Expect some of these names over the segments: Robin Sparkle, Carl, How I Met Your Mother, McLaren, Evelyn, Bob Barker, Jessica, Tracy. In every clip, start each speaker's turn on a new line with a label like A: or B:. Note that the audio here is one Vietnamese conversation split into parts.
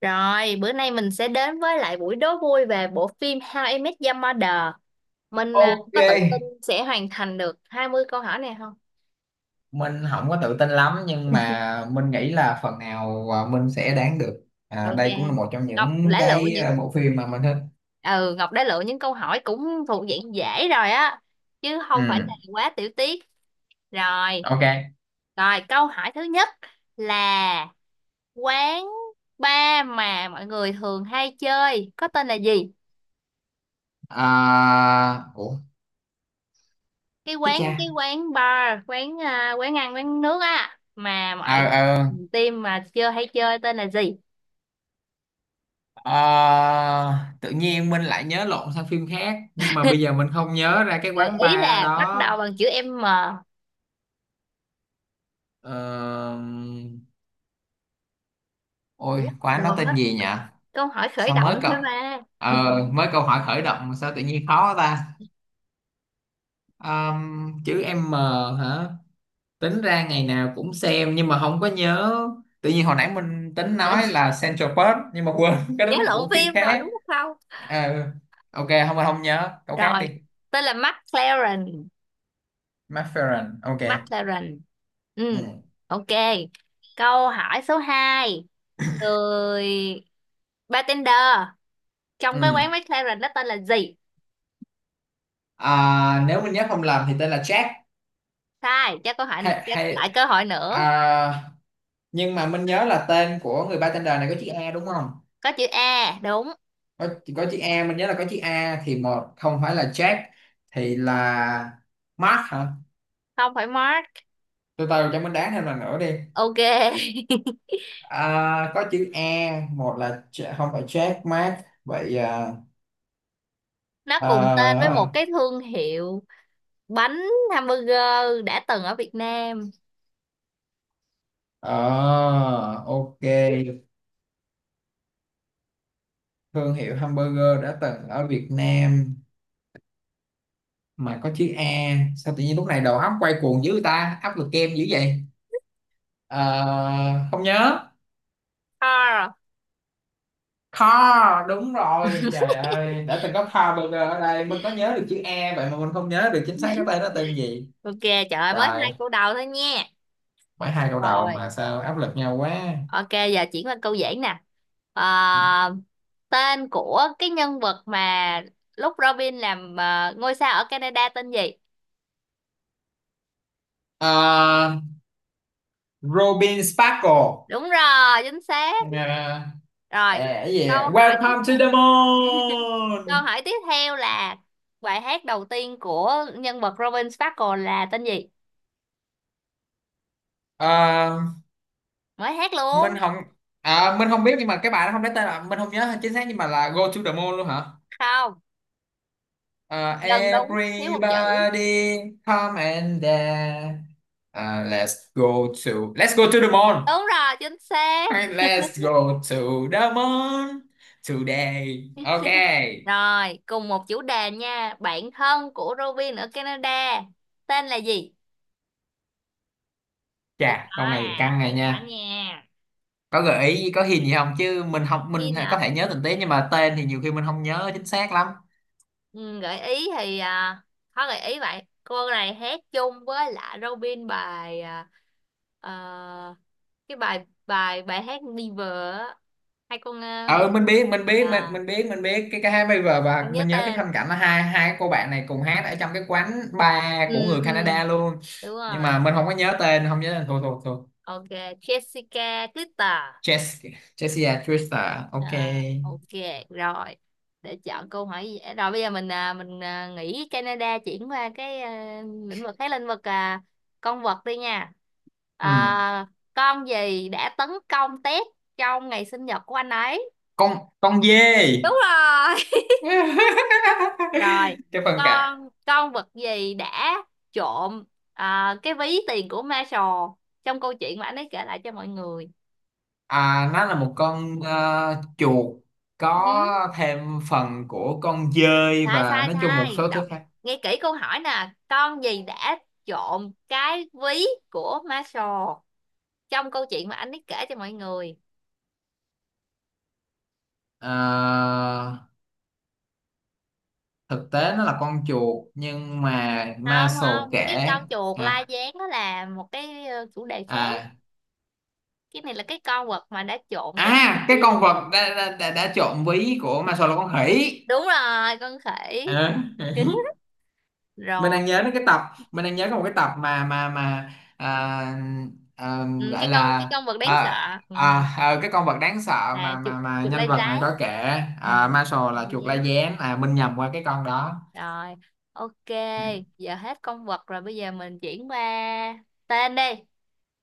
A: Rồi, bữa nay mình sẽ đến với lại buổi đố vui về bộ phim How I Met Your Mother. Mình à,
B: Ok,
A: có tự tin sẽ hoàn thành được 20 câu hỏi này không?
B: mình không có tự tin lắm nhưng mà mình nghĩ là phần nào mình sẽ đoán được.
A: Ok.
B: Đây cũng là một trong
A: Ngọc
B: những
A: đã lựa những
B: bộ phim mà mình thích.
A: ừ, Ngọc đã lựa những câu hỏi cũng thuộc dạng dễ rồi á, chứ không phải
B: Ừ,
A: là quá tiểu tiết. Rồi,
B: ok.
A: rồi, câu hỏi thứ nhất là quán bar mà mọi người thường hay chơi có tên là gì?
B: À, ủa,
A: cái
B: thích
A: quán cái
B: cha.
A: quán bar quán à, quán ăn quán nước á mà
B: Ờ
A: mọi
B: ờ
A: team mà chưa hay chơi tên là gì?
B: ờ, Tự nhiên mình lại nhớ lộn sang phim khác nhưng mà bây giờ mình không nhớ ra cái
A: Gợi
B: quán
A: ý
B: bar
A: là bắt
B: đó.
A: đầu bằng chữ M.
B: Ờ,
A: Chữ
B: Ôi, quán
A: đồ
B: đó
A: mất,
B: tên gì nhỉ?
A: câu hỏi khởi
B: Sao mới
A: động
B: cậu
A: thôi mà.
B: Ờ, Mới câu hỏi khởi động mà sao tự nhiên khó ta? Chữ M hả? Tính ra ngày nào cũng xem nhưng mà không có nhớ. Tự nhiên hồi nãy mình tính nói là Central Park nhưng mà quên cái đó
A: Nhớ
B: là
A: lộn
B: của phim
A: phim rồi
B: khác.
A: đúng không?
B: Ờ, ok, không không nhớ. Câu khác
A: Rồi,
B: đi.
A: tên là McLaren
B: McFerrin. Ok.
A: McLaren Ừ,
B: Ừ.
A: ok. Câu hỏi số 2, người bartender trong cái
B: Ừ.
A: quán McLaren đó tên là gì?
B: Nếu mình nhớ không lầm thì tên là Jack.
A: Sai, cho
B: Hay,
A: cho
B: hay
A: lại cơ hội nữa.
B: à, Nhưng mà mình nhớ là tên của người bartender này có chữ A đúng không?
A: Có chữ A đúng.
B: Có có chữ A, mình nhớ là có chữ A thì một không phải là Jack, thì là Mark hả?
A: Không phải Mark.
B: Từ từ cho mình đoán thêm lần nữa đi.
A: Ok.
B: Có chữ E, một là không phải Jack, Mark, vậy à?
A: Nó cùng tên với
B: à,
A: một cái thương hiệu bánh hamburger đã từng ở Việt Nam.
B: ờ, ok, thương hiệu hamburger đã từng ở Việt Nam mà có chữ E, sao tự nhiên lúc này đầu óc quay cuồng dữ ta, áp lực kem dữ vậy. Ờ, Không nhớ.
A: Carl.
B: Car, đúng rồi, trời ơi, đã từng có car burger ở đây, mình có nhớ được chữ E vậy mà mình không nhớ được chính xác cái tên nó tên gì.
A: Ok, trời ơi, mới hai
B: Trời,
A: câu đầu thôi nha.
B: mấy hai câu đầu
A: Rồi,
B: mà sao áp lực nhau quá.
A: ok, giờ chuyển qua câu dễ nè. Ờ, tên của cái nhân vật mà lúc Robin làm ngôi sao ở Canada tên gì?
B: à, Robin Sparkle.
A: Đúng rồi, chính xác.
B: Yeah.
A: Rồi, câu hỏi tiếp
B: Welcome
A: theo
B: to the
A: Câu
B: moon.
A: hỏi tiếp theo là bài hát đầu tiên của nhân vật Robin Sparkle là tên gì?
B: à,
A: Mới hát
B: mình
A: luôn.
B: không mình không biết nhưng mà cái bài nó không lấy tên, là mình không nhớ chính xác, nhưng mà là Go to the moon luôn hả?
A: Không, gần đúng, thiếu một chữ.
B: Everybody come and dance. Let's go to the moon.
A: Đúng rồi, chính xác.
B: Let's go to the moon today, ok.
A: Rồi, cùng một chủ đề nha. Bạn thân của Robin ở Canada tên là gì? Hơi
B: Chà,
A: khó
B: câu này
A: à,
B: căng này
A: hơi khó
B: nha.
A: nha.
B: Có gợi ý có hình gì không, chứ
A: Khi
B: mình có
A: nở
B: thể nhớ tình tiết nhưng mà tên thì nhiều khi mình không nhớ chính xác lắm.
A: ừ, gợi ý thì à, có gợi ý vậy, cô này hát chung với lại Robin bài à, ờ, cái bài bài bài hát Never á. Hai con à, hãy
B: Ờ
A: Liên.
B: mình biết
A: À,
B: mình biết mình biết cái hai bây giờ, và
A: không nhớ
B: mình nhớ cái phân
A: tên.
B: cảnh là hai hai cô bạn này cùng hát ở trong cái quán bar của
A: ừ
B: người
A: ừ
B: Canada luôn,
A: Đúng
B: nhưng
A: rồi.
B: mà mình không có nhớ tên, không nhớ tên, thôi thôi thôi.
A: Ok, Jessica Twitter.
B: Jessica Jessica Trista,
A: À,
B: ok.
A: ok. Rồi, để chọn câu hỏi dễ rồi, bây giờ mình nghĩ Canada chuyển qua cái à, lĩnh vực con vật đi nha.
B: Ừ.
A: À, con gì đã tấn công Ted trong ngày sinh nhật của anh ấy?
B: con dê.
A: Đúng rồi. Rồi,
B: Cái phân cảnh.
A: con vật gì đã trộm à, cái ví tiền của Marshall trong câu chuyện mà anh ấy kể lại cho mọi người?
B: Nó là một con chuột,
A: Ừ.
B: có thêm phần của con dơi
A: Sai
B: và
A: sai
B: nói chung một
A: sai,
B: số
A: đọc
B: thứ khác.
A: nghe kỹ câu hỏi nè. Con gì đã trộm cái ví của Marshall trong câu chuyện mà anh ấy kể cho mọi người?
B: Ờ, Thực tế nó là con chuột nhưng mà
A: Không
B: Maslow
A: không,
B: kể.
A: cái con chuột la
B: à,
A: gián đó là một cái chủ đề khác.
B: à
A: Cái này là cái con vật mà đã trộm cái
B: cái con
A: gì?
B: vật đã trộn ví của Maslow là con khỉ.
A: Đúng rồi, con khỉ.
B: Ờ. mình
A: Rồi.
B: đang nhớ đến cái tập mình đang nhớ có một cái tập mà à,
A: Ừ,
B: gọi
A: cái con cái
B: là,
A: con vật
B: à,
A: đáng sợ. Ừ,
B: cái con vật đáng sợ
A: là
B: mà
A: chuột,
B: mà mà
A: chuột la
B: nhân vật này
A: gián.
B: có kể.
A: Ừ.
B: Marshall là chuột la gián, Minh nhầm qua cái con đó.
A: Rồi, ok,
B: Ừ.
A: giờ hết con vật rồi, bây giờ mình chuyển qua tên đi.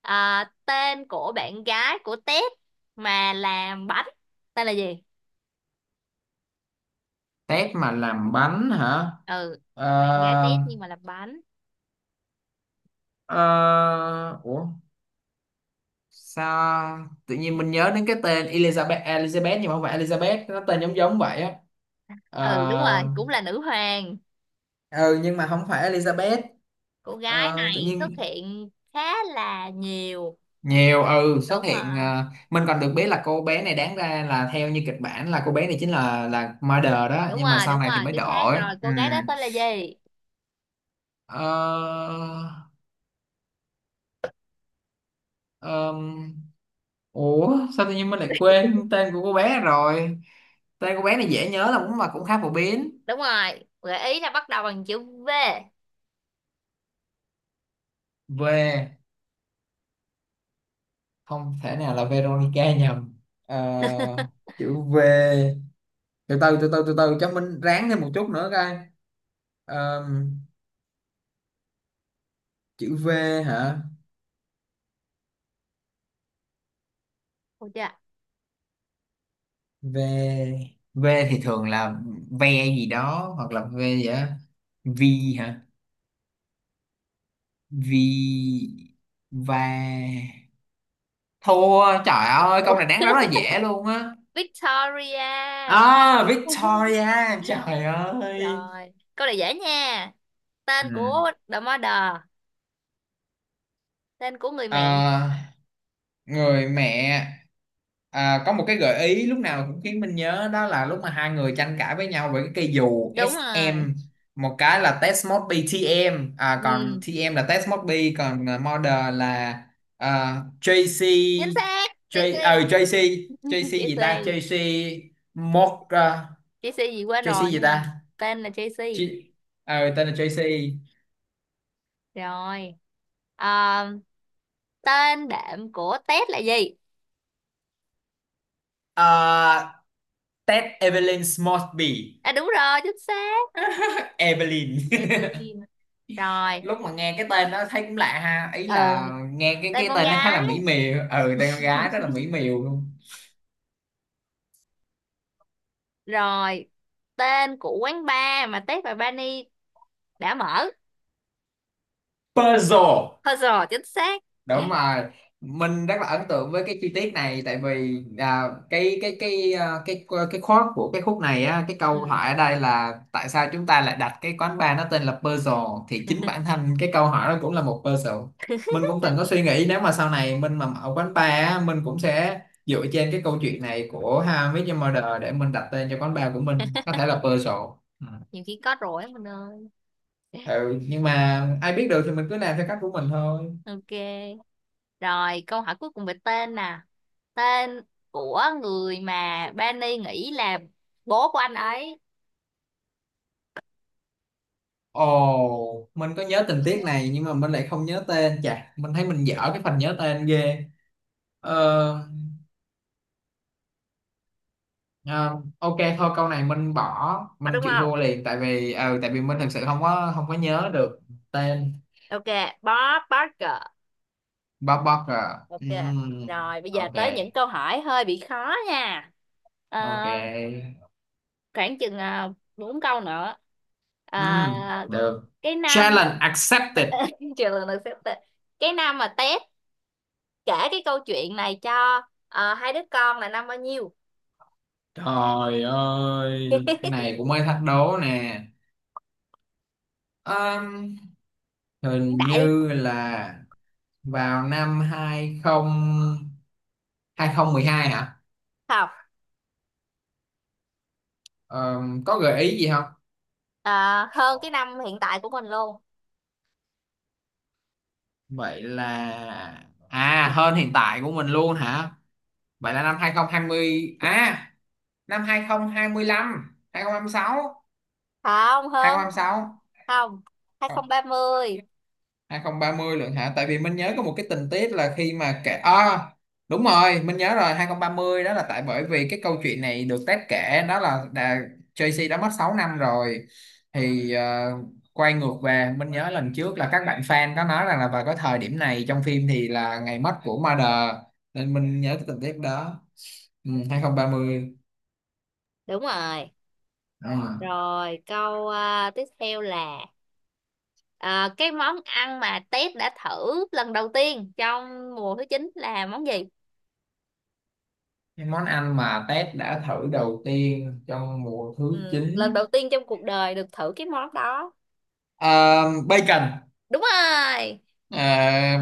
A: À, tên của bạn gái của Tết mà làm bánh, tên là gì?
B: Tép mà làm bánh hả?
A: Ừ, bạn gái
B: Ờ,
A: Tết nhưng mà làm bánh.
B: ờ, Ủa, sao tự nhiên mình nhớ đến cái tên Elizabeth Elizabeth, nhưng mà không phải Elizabeth, nó tên giống giống vậy á.
A: Ừ, đúng rồi, cũng là nữ hoàng.
B: Ờ, ừ, nhưng mà không phải Elizabeth.
A: Cô gái
B: Tự
A: này xuất
B: nhiên
A: hiện khá là nhiều.
B: nhiều,
A: Đúng
B: xuất hiện,
A: rồi,
B: mình còn được biết là cô bé này đáng ra là theo như kịch bản là cô bé này chính là murder đó,
A: đúng
B: nhưng mà
A: rồi,
B: sau
A: đúng
B: này thì
A: rồi,
B: mới
A: chính xác
B: đổi.
A: rồi.
B: Ừ.
A: Cô gái đó tên là gì?
B: ờ, ờm, Ủa, sao tự nhiên mình lại quên tên của cô bé rồi. Tên cô bé này dễ nhớ, là cũng mà cũng khá phổ biến.
A: Đúng rồi, gợi ý là bắt đầu bằng chữ V.
B: V, không thể nào, là Veronica nhầm. Ờ, Chữ V. từ từ từ từ Từ từ cho mình ráng thêm một chút nữa coi. Ờm, Chữ V hả?
A: Được chưa?
B: V V thì thường là ve gì đó, hoặc là V gì đó. Vi hả? Vi. Va. Thua, trời ơi, câu này đáng rất là dễ luôn á.
A: Victoria.
B: Victoria, trời ơi.
A: Rồi, câu này dễ nha.
B: Ừ.
A: Tên của The Mother, tên của người mẹ.
B: Ờ, Người mẹ. Có một cái gợi ý lúc nào cũng khiến mình nhớ, đó là lúc mà hai người tranh cãi với nhau về cái cây dù
A: Đúng rồi.
B: SM. Một cái là Test Mode B, TM, còn
A: Ừ,
B: TM là Test Mode B, còn Model là JC.
A: chính xác.
B: J ờ
A: Tracy.
B: JC, JC gì ta,
A: Tracy.
B: JC. Mod à,
A: Tracy gì quên
B: JC
A: rồi
B: gì
A: nhưng mà
B: ta.
A: tên là Tracy.
B: J, ờ Tên là JC.
A: Rồi. À, tên đệm của Ted là gì?
B: à, Test Evelyn Mosby.
A: À đúng rồi, chính xác.
B: Evelyn.
A: Evelyn. Rồi.
B: Lúc mà nghe cái tên nó thấy cũng lạ ha, ý
A: Ừ,
B: là nghe cái
A: tên
B: cái
A: con
B: tên nó khá
A: gái.
B: là mỹ miều, ừ, tên con gái rất là mỹ miều luôn.
A: Rồi. Tên của quán bar mà Ted và Barney đã mở.
B: Puzzle.
A: Thôi rồi, chính xác. Ừ,
B: Đúng rồi, mình rất là ấn tượng với cái chi tiết này, tại vì cái khoát của cái khúc này á, cái câu hỏi ở đây là tại sao chúng ta lại đặt cái quán bar nó tên là Puzzle, thì chính bản thân cái câu hỏi đó cũng là một puzzle. Mình cũng từng có suy nghĩ, nếu mà sau này mình mà mở quán bar á, mình cũng sẽ dựa trên cái câu chuyện này của How I Met Your Mother để mình đặt tên cho quán bar của mình, có thể là puzzle. Ừ.
A: nhiều khi có rồi á mình ơi.
B: Ừ, nhưng mà ai biết được, thì mình cứ làm theo cách của mình thôi.
A: Ok. Rồi, câu hỏi cuối cùng về tên nè. Tên của người mà Benny nghĩ là bố của anh ấy.
B: Ồ, mình có nhớ tình tiết này, nhưng mà mình lại không nhớ tên. Chà, mình thấy mình dở cái phần nhớ tên ghê. Ờ, à, ok thôi, câu này mình bỏ,
A: Ờ,
B: mình
A: đúng
B: chịu
A: không?
B: thua liền, tại vì tại vì mình thực sự không có nhớ được tên.
A: Ok, Bob Barker.
B: Bob Barker.
A: Ok.
B: Ừm,
A: Rồi, bây giờ
B: ok,
A: tới những câu hỏi hơi bị khó nha. Ờ,
B: ok.
A: khoảng chừng 4 câu nữa. Ờ,
B: Được.
A: cái năm mà
B: Challenge accepted.
A: chờ lần lượt xếp tên. Cái năm mà Ted kể cái câu chuyện này cho hai đứa con là năm bao nhiêu?
B: Trời ơi, cái này cũng mới thách đố nè. Ờm,
A: Hiện
B: Hình
A: tại đi.
B: như là vào năm 20, 2012 hả?
A: Không.
B: Ờ, có gợi ý gì không?
A: Ờ, hơn cái năm hiện tại của mình luôn.
B: Vậy là hơn hiện tại của mình luôn hả? Vậy là năm 2020, năm 2025, 2026,
A: Không hơn,
B: 2026.
A: không, 2030.
B: 2030 lượng hả? Tại vì mình nhớ có một cái tình tiết là khi mà kể, đúng rồi, mình nhớ rồi, 2030, đó là tại bởi vì cái câu chuyện này được Ted kể, đó là Tracy đã mất 6 năm rồi, thì quay ngược về, mình nhớ lần trước là các bạn fan có nói rằng là vào cái thời điểm này trong phim thì là ngày mất của Mother, nên mình nhớ cái tình tiết đó. Ừ, 2030.
A: Đúng rồi.
B: Ừ.
A: Rồi, câu à, tiếp theo là à, cái món ăn mà Tết đã thử lần đầu tiên trong mùa thứ 9 là món gì?
B: Cái món ăn mà Ted đã thử đầu tiên trong mùa thứ
A: Ừ, lần đầu tiên trong cuộc đời được thử cái món đó.
B: 9, bacon.
A: Đúng rồi.
B: Ờ,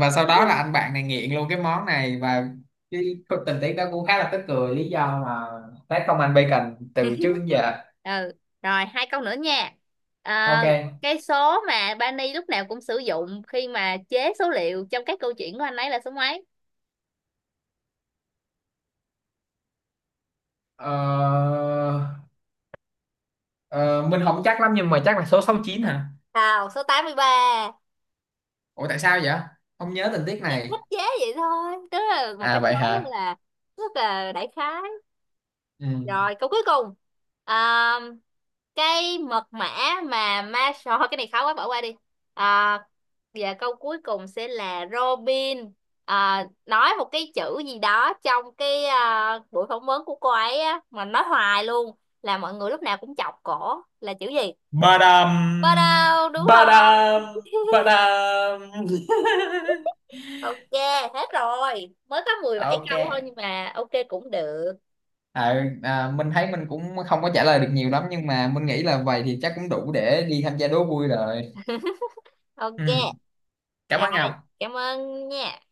B: và sau đó là anh bạn này nghiện luôn cái món này, và cái tình tiết đó cũng khá là tức cười, lý do mà tác không ăn bacon từ trước đến giờ.
A: Ừ. Rồi, hai câu nữa nha.
B: Ok.
A: À, cái số mà Bani lúc nào cũng sử dụng khi mà chế số liệu trong các câu chuyện của anh ấy là số mấy?
B: ờ, ờ, mình không chắc lắm nhưng mà chắc là số 69 hả?
A: Nào, số 83.
B: Ủa, tại sao vậy, không nhớ tình tiết
A: Thì thích
B: này.
A: chế vậy thôi, tức là một cái
B: Vậy
A: món
B: hả.
A: rất là đại khái.
B: Ừ.
A: Rồi, câu cuối cùng. À, cái mật mã mà ma sò cái này khó quá, bỏ qua đi. À, và câu cuối cùng sẽ là Robin à, nói một cái chữ gì đó trong cái à, buổi phỏng vấn của cô ấy á, mà nói hoài luôn, là mọi người lúc nào cũng chọc cổ là chữ gì?
B: Badam.
A: Ba đâu, đúng rồi.
B: Badam. Badam.
A: Ok, hết rồi, mới có 17
B: Ok.
A: câu thôi nhưng mà ok cũng được.
B: Mình thấy mình cũng không có trả lời được nhiều lắm, nhưng mà mình nghĩ là vậy thì chắc cũng đủ để đi tham gia đố vui rồi. Ừ.
A: Ok,
B: Cảm
A: rồi,
B: ơn Ngọc.
A: cảm ơn nha.